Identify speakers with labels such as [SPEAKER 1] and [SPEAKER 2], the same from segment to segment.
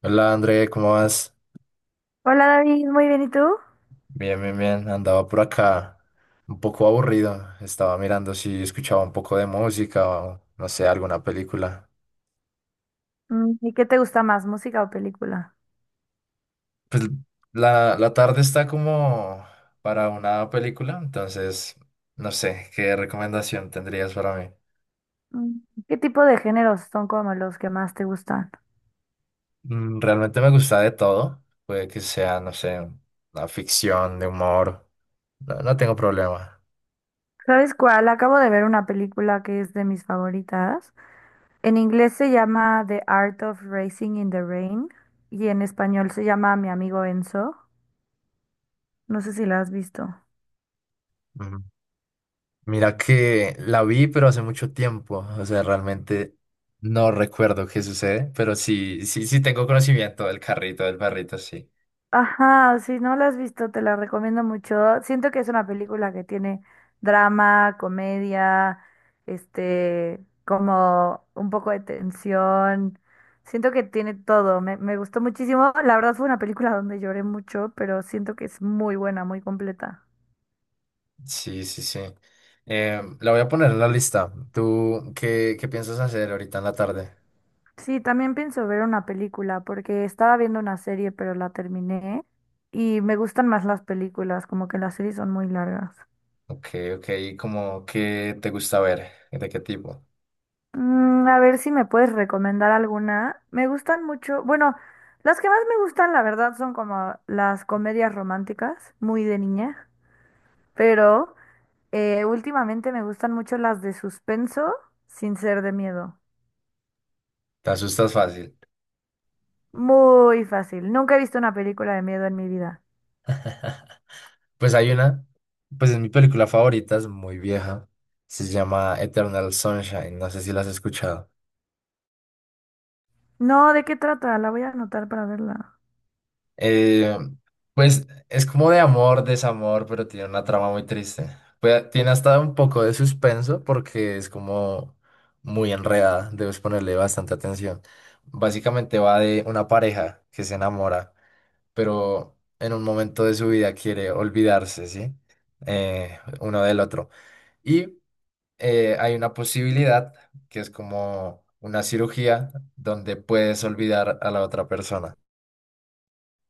[SPEAKER 1] Hola André, ¿cómo vas?
[SPEAKER 2] Hola David, muy bien, ¿y tú?
[SPEAKER 1] Bien, bien, bien. Andaba por acá un poco aburrido. Estaba mirando si escuchaba un poco de música o no sé, alguna película.
[SPEAKER 2] Mm, ¿y qué te gusta más, música o película?
[SPEAKER 1] Pues la tarde está como para una película, entonces no sé, ¿qué recomendación tendrías para mí?
[SPEAKER 2] Mm, ¿qué tipo de géneros son como los que más te gustan?
[SPEAKER 1] Mm, realmente me gusta de todo. Puede que sea, no sé, una ficción de humor. No, no tengo problema.
[SPEAKER 2] ¿Sabes cuál? Acabo de ver una película que es de mis favoritas. En inglés se llama The Art of Racing in the Rain y en español se llama Mi amigo Enzo. No sé si la has visto.
[SPEAKER 1] Mira que la vi, pero hace mucho tiempo. O sea, realmente no recuerdo qué sucede, pero sí, sí, sí tengo conocimiento del carrito, del perrito, sí.
[SPEAKER 2] Ajá, si no la has visto, te la recomiendo mucho. Siento que es una película que tiene drama, comedia, como un poco de tensión. Siento que tiene todo. Me gustó muchísimo. La verdad fue una película donde lloré mucho, pero siento que es muy buena, muy completa.
[SPEAKER 1] Sí, sí, sí. La voy a poner en la lista. ¿Tú qué piensas hacer ahorita en la tarde?
[SPEAKER 2] Sí, también pienso ver una película porque estaba viendo una serie, pero la terminé y me gustan más las películas, como que las series son muy largas.
[SPEAKER 1] Ok, ok. ¿Cómo qué te gusta ver? ¿De qué tipo?
[SPEAKER 2] Mm, a ver si me puedes recomendar alguna. Me gustan mucho, bueno, las que más me gustan, la verdad, son como las comedias románticas, muy de niña, pero últimamente me gustan mucho las de suspenso sin ser de miedo.
[SPEAKER 1] ¿Te asustas fácil?
[SPEAKER 2] Muy fácil. Nunca he visto una película de miedo en mi vida.
[SPEAKER 1] Pues hay una, pues es mi película favorita, es muy vieja. Se llama Eternal Sunshine. No sé si la has escuchado.
[SPEAKER 2] No, ¿de qué trata? La voy a anotar para verla.
[SPEAKER 1] Eh, pues es como de amor, desamor, pero tiene una trama muy triste. Pues, tiene hasta un poco de suspenso porque es como muy enredada, debes ponerle bastante atención. Básicamente va de una pareja que se enamora, pero en un momento de su vida quiere olvidarse, ¿sí? Uno del otro. Y hay una posibilidad que es como una cirugía donde puedes olvidar a la otra persona.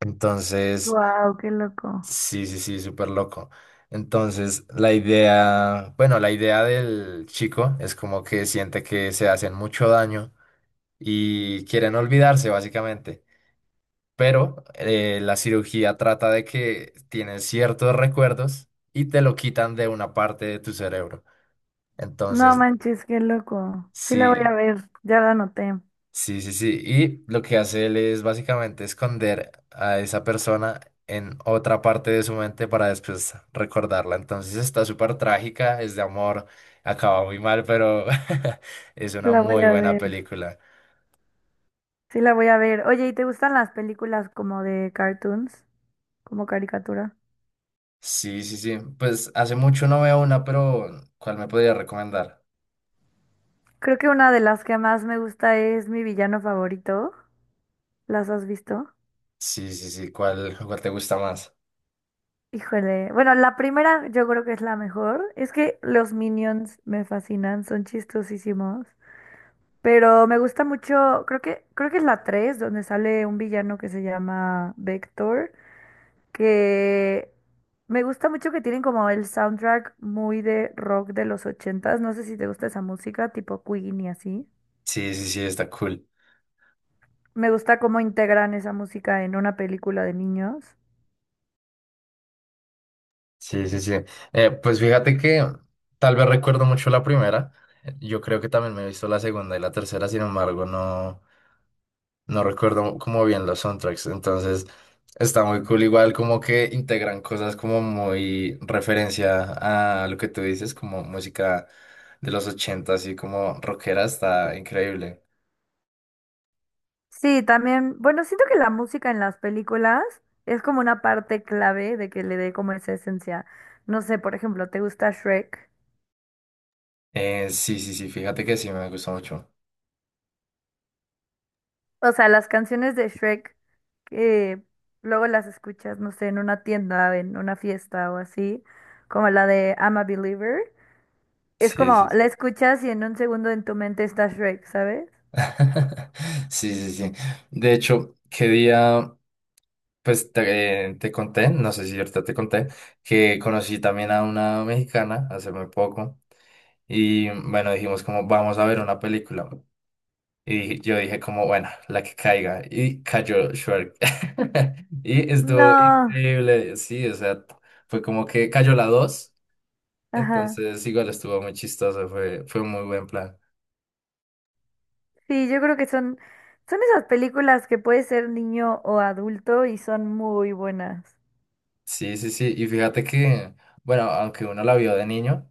[SPEAKER 1] Entonces...
[SPEAKER 2] Wow, qué loco.
[SPEAKER 1] Sí, sí, sí, súper loco. Entonces, la idea, bueno, la idea del chico es como que siente que se hacen mucho daño y quieren olvidarse, básicamente. Pero la cirugía trata de que tienes ciertos recuerdos y te lo quitan de una parte de tu cerebro.
[SPEAKER 2] No
[SPEAKER 1] Entonces,
[SPEAKER 2] manches, qué loco. Sí la voy a
[SPEAKER 1] sí.
[SPEAKER 2] ver, ya la anoté.
[SPEAKER 1] Sí, sí, sí. Y lo que hace él es básicamente esconder a esa persona en otra parte de su mente para después recordarla. Entonces está súper trágica, es de amor, acaba muy mal, pero es una
[SPEAKER 2] La voy
[SPEAKER 1] muy
[SPEAKER 2] a
[SPEAKER 1] buena
[SPEAKER 2] ver.
[SPEAKER 1] película.
[SPEAKER 2] Sí, la voy a ver. Oye, ¿y te gustan las películas como de cartoons, como caricatura?
[SPEAKER 1] Sí, sí, sí. Pues hace mucho no veo una, pero ¿cuál me podría recomendar?
[SPEAKER 2] Creo que una de las que más me gusta es Mi villano favorito. ¿Las has visto?
[SPEAKER 1] Sí, sí, sí. ¿Cuál te gusta más?
[SPEAKER 2] Híjole. Bueno, la primera yo creo que es la mejor. Es que los Minions me fascinan, son chistosísimos. Pero me gusta mucho, creo que es la 3, donde sale un villano que se llama Vector, que me gusta mucho que tienen como el soundtrack muy de rock de los 80s. No sé si te gusta esa música, tipo Queen y así.
[SPEAKER 1] Sí, sí, sí, está cool.
[SPEAKER 2] Me gusta cómo integran esa música en una película de niños.
[SPEAKER 1] Sí, sí, sí. Pues fíjate que tal vez recuerdo mucho la primera. Yo creo que también me he visto la segunda y la tercera, sin embargo, no, no recuerdo como bien los soundtracks. Entonces, está muy cool. Igual como que integran cosas como muy referencia a lo que tú dices, como música de los 80 así como rockera, está increíble.
[SPEAKER 2] Sí, también, bueno, siento que la música en las películas es como una parte clave de que le dé como esa esencia. No sé, por ejemplo, ¿te gusta Shrek?
[SPEAKER 1] Sí, sí, sí, fíjate que sí, me gustó mucho.
[SPEAKER 2] O sea, las canciones de Shrek que luego las escuchas, no sé, en una tienda, en una fiesta o así, como la de I'm a Believer. Es
[SPEAKER 1] Sí,
[SPEAKER 2] como,
[SPEAKER 1] sí, sí.
[SPEAKER 2] la escuchas y en un segundo en tu mente está Shrek, ¿sabes?
[SPEAKER 1] Sí, sí, sí. De hecho, ¿qué día? Pues te, te conté, no sé si ahorita te conté, que conocí también a una mexicana hace muy poco y bueno, dijimos como vamos a ver una película y yo dije como bueno, la que caiga y cayó Shrek y estuvo
[SPEAKER 2] No,
[SPEAKER 1] increíble, sí, o sea, fue como que cayó la dos,
[SPEAKER 2] ajá.
[SPEAKER 1] entonces igual estuvo muy chistoso, fue un muy buen plan.
[SPEAKER 2] Sí, yo creo que son esas películas que puede ser niño o adulto y son muy buenas.
[SPEAKER 1] Sí, sí, sí, y fíjate que, bueno, aunque uno la vio de niño.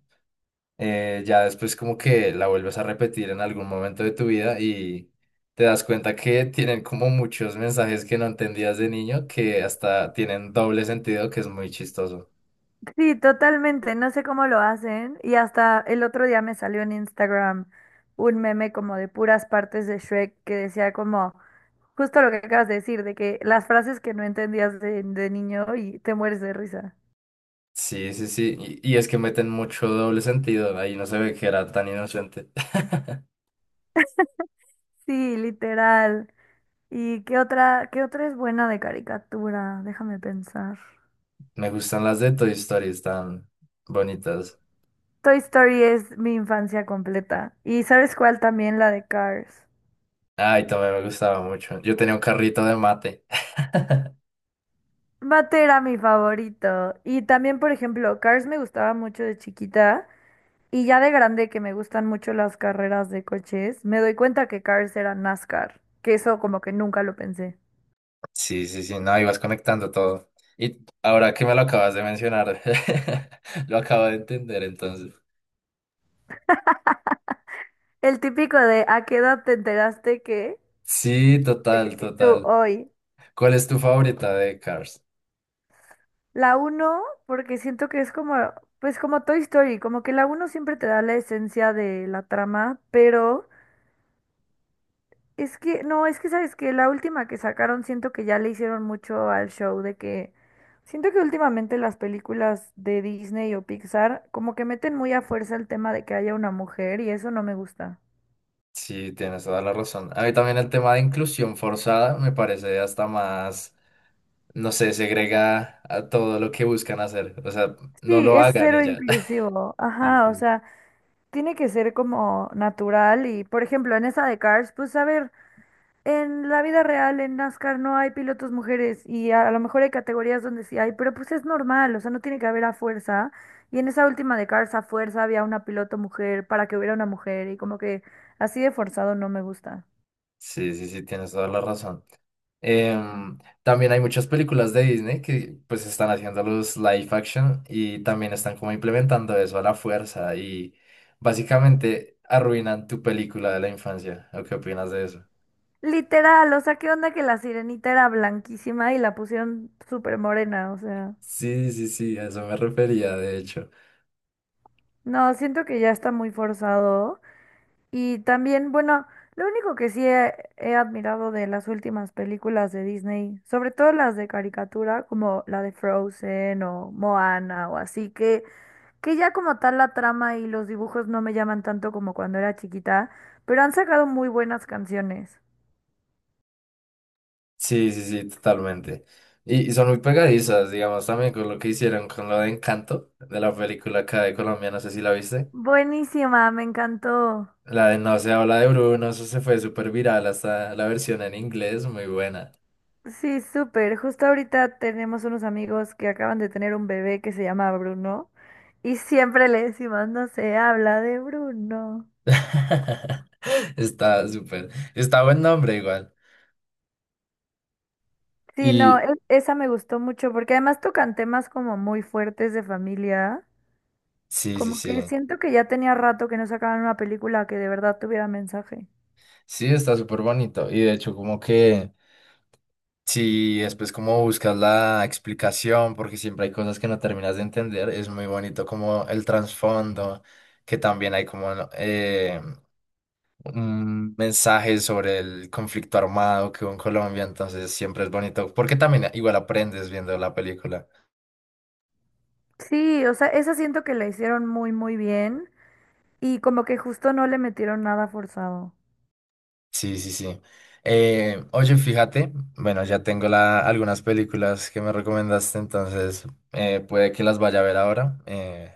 [SPEAKER 1] Ya después como que la vuelves a repetir en algún momento de tu vida y te das cuenta que tienen como muchos mensajes que no entendías de niño que hasta tienen doble sentido, que es muy chistoso.
[SPEAKER 2] Sí, totalmente. No sé cómo lo hacen. Y hasta el otro día me salió en Instagram un meme como de puras partes de Shrek que decía como justo lo que acabas de decir, de que las frases que no entendías de niño y te mueres de risa.
[SPEAKER 1] Sí, sí, sí. Y es que meten mucho doble sentido. Ahí no se ve que era tan inocente.
[SPEAKER 2] Sí, literal. ¿Y qué otra es buena de caricatura? Déjame pensar.
[SPEAKER 1] Me gustan las de Toy Story, están bonitas.
[SPEAKER 2] Toy Story es mi infancia completa. ¿Y sabes cuál también? La de Cars.
[SPEAKER 1] Ay, también me gustaba mucho. Yo tenía un carrito de mate.
[SPEAKER 2] Matt era mi favorito. Y también, por ejemplo, Cars me gustaba mucho de chiquita. Y ya de grande que me gustan mucho las carreras de coches, me doy cuenta que Cars era NASCAR. Que eso como que nunca lo pensé.
[SPEAKER 1] Sí, sí, sí, no, ibas conectando todo. Y ahora que me lo acabas de mencionar, lo acabo de entender entonces.
[SPEAKER 2] El típico de ¿a qué edad te enteraste que?
[SPEAKER 1] Sí, total,
[SPEAKER 2] Y tú
[SPEAKER 1] total.
[SPEAKER 2] hoy.
[SPEAKER 1] ¿Cuál es tu favorita de Cars?
[SPEAKER 2] La uno porque siento que es como, pues como Toy Story, como que la uno siempre te da la esencia de la trama, pero es que, no, es que sabes que la última que sacaron siento que ya le hicieron mucho al show de que, siento que últimamente las películas de Disney o Pixar como que meten muy a fuerza el tema de que haya una mujer y eso no me gusta.
[SPEAKER 1] Sí, tienes toda la razón. A mí también el tema de inclusión forzada me parece hasta más, no sé, segrega a todo lo que buscan hacer. O sea, no
[SPEAKER 2] Sí,
[SPEAKER 1] lo
[SPEAKER 2] es
[SPEAKER 1] hagan y
[SPEAKER 2] cero
[SPEAKER 1] ya.
[SPEAKER 2] inclusivo.
[SPEAKER 1] Sí,
[SPEAKER 2] Ajá, o
[SPEAKER 1] sí,
[SPEAKER 2] sea, tiene que ser como natural y, por ejemplo, en esa de Cars, pues a ver. En la vida real, en NASCAR, no hay pilotos mujeres y a lo mejor hay categorías donde sí hay, pero pues es normal, o sea, no tiene que haber a fuerza. Y en esa última de Cars a fuerza había una piloto mujer para que hubiera una mujer y como que así de forzado no me gusta.
[SPEAKER 1] sí, sí, sí, tienes toda la razón. También hay muchas películas de Disney que pues están haciendo los live action y también están como implementando eso a la fuerza y básicamente arruinan tu película de la infancia. ¿O qué opinas de eso?
[SPEAKER 2] Literal, o sea, ¿qué onda que la sirenita era blanquísima y la pusieron súper morena? O sea,
[SPEAKER 1] Sí, sí, sí, a eso me refería, de hecho.
[SPEAKER 2] no, siento que ya está muy forzado. Y también, bueno, lo único que sí he admirado de las últimas películas de Disney, sobre todo las de caricatura, como la de Frozen o Moana o así, que ya como tal la trama y los dibujos no me llaman tanto como cuando era chiquita, pero han sacado muy buenas canciones.
[SPEAKER 1] Sí, sí, sí, totalmente. Y son muy pegadizas, digamos, también con lo que hicieron con lo de Encanto, de la película acá de Colombia, no sé si la viste.
[SPEAKER 2] Buenísima, me encantó.
[SPEAKER 1] La de No se habla de Bruno, eso se fue súper viral, hasta la versión en inglés, muy buena.
[SPEAKER 2] Sí, súper. Justo ahorita tenemos unos amigos que acaban de tener un bebé que se llama Bruno y siempre le decimos, no se habla de Bruno.
[SPEAKER 1] Está súper, está buen nombre igual.
[SPEAKER 2] Sí, no,
[SPEAKER 1] Y
[SPEAKER 2] esa me gustó mucho porque además tocan temas como muy fuertes de familia.
[SPEAKER 1] sí, sí,
[SPEAKER 2] Como que
[SPEAKER 1] sí,
[SPEAKER 2] siento que ya tenía rato que no sacaban una película que de verdad tuviera mensaje.
[SPEAKER 1] sí, está súper bonito. Y de hecho, como que si después como buscas la explicación, porque siempre hay cosas que no terminas de entender, es muy bonito como el trasfondo, que también hay como ¿no? Un mensaje sobre el conflicto armado que hubo en Colombia, entonces siempre es bonito, porque también igual aprendes viendo la película.
[SPEAKER 2] Sí, o sea, esa siento que la hicieron muy, muy bien y como que justo no le metieron nada forzado.
[SPEAKER 1] Sí, sí, sí. Oye, fíjate, bueno, ya tengo la- algunas películas que me recomendaste, entonces puede que las vaya a ver ahora,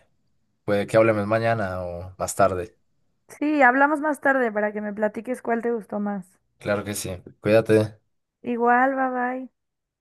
[SPEAKER 1] puede que hablemos mañana o más tarde.
[SPEAKER 2] Sí, hablamos más tarde para que me platiques cuál te gustó más.
[SPEAKER 1] Claro que sí. Cuídate.
[SPEAKER 2] Igual, bye bye.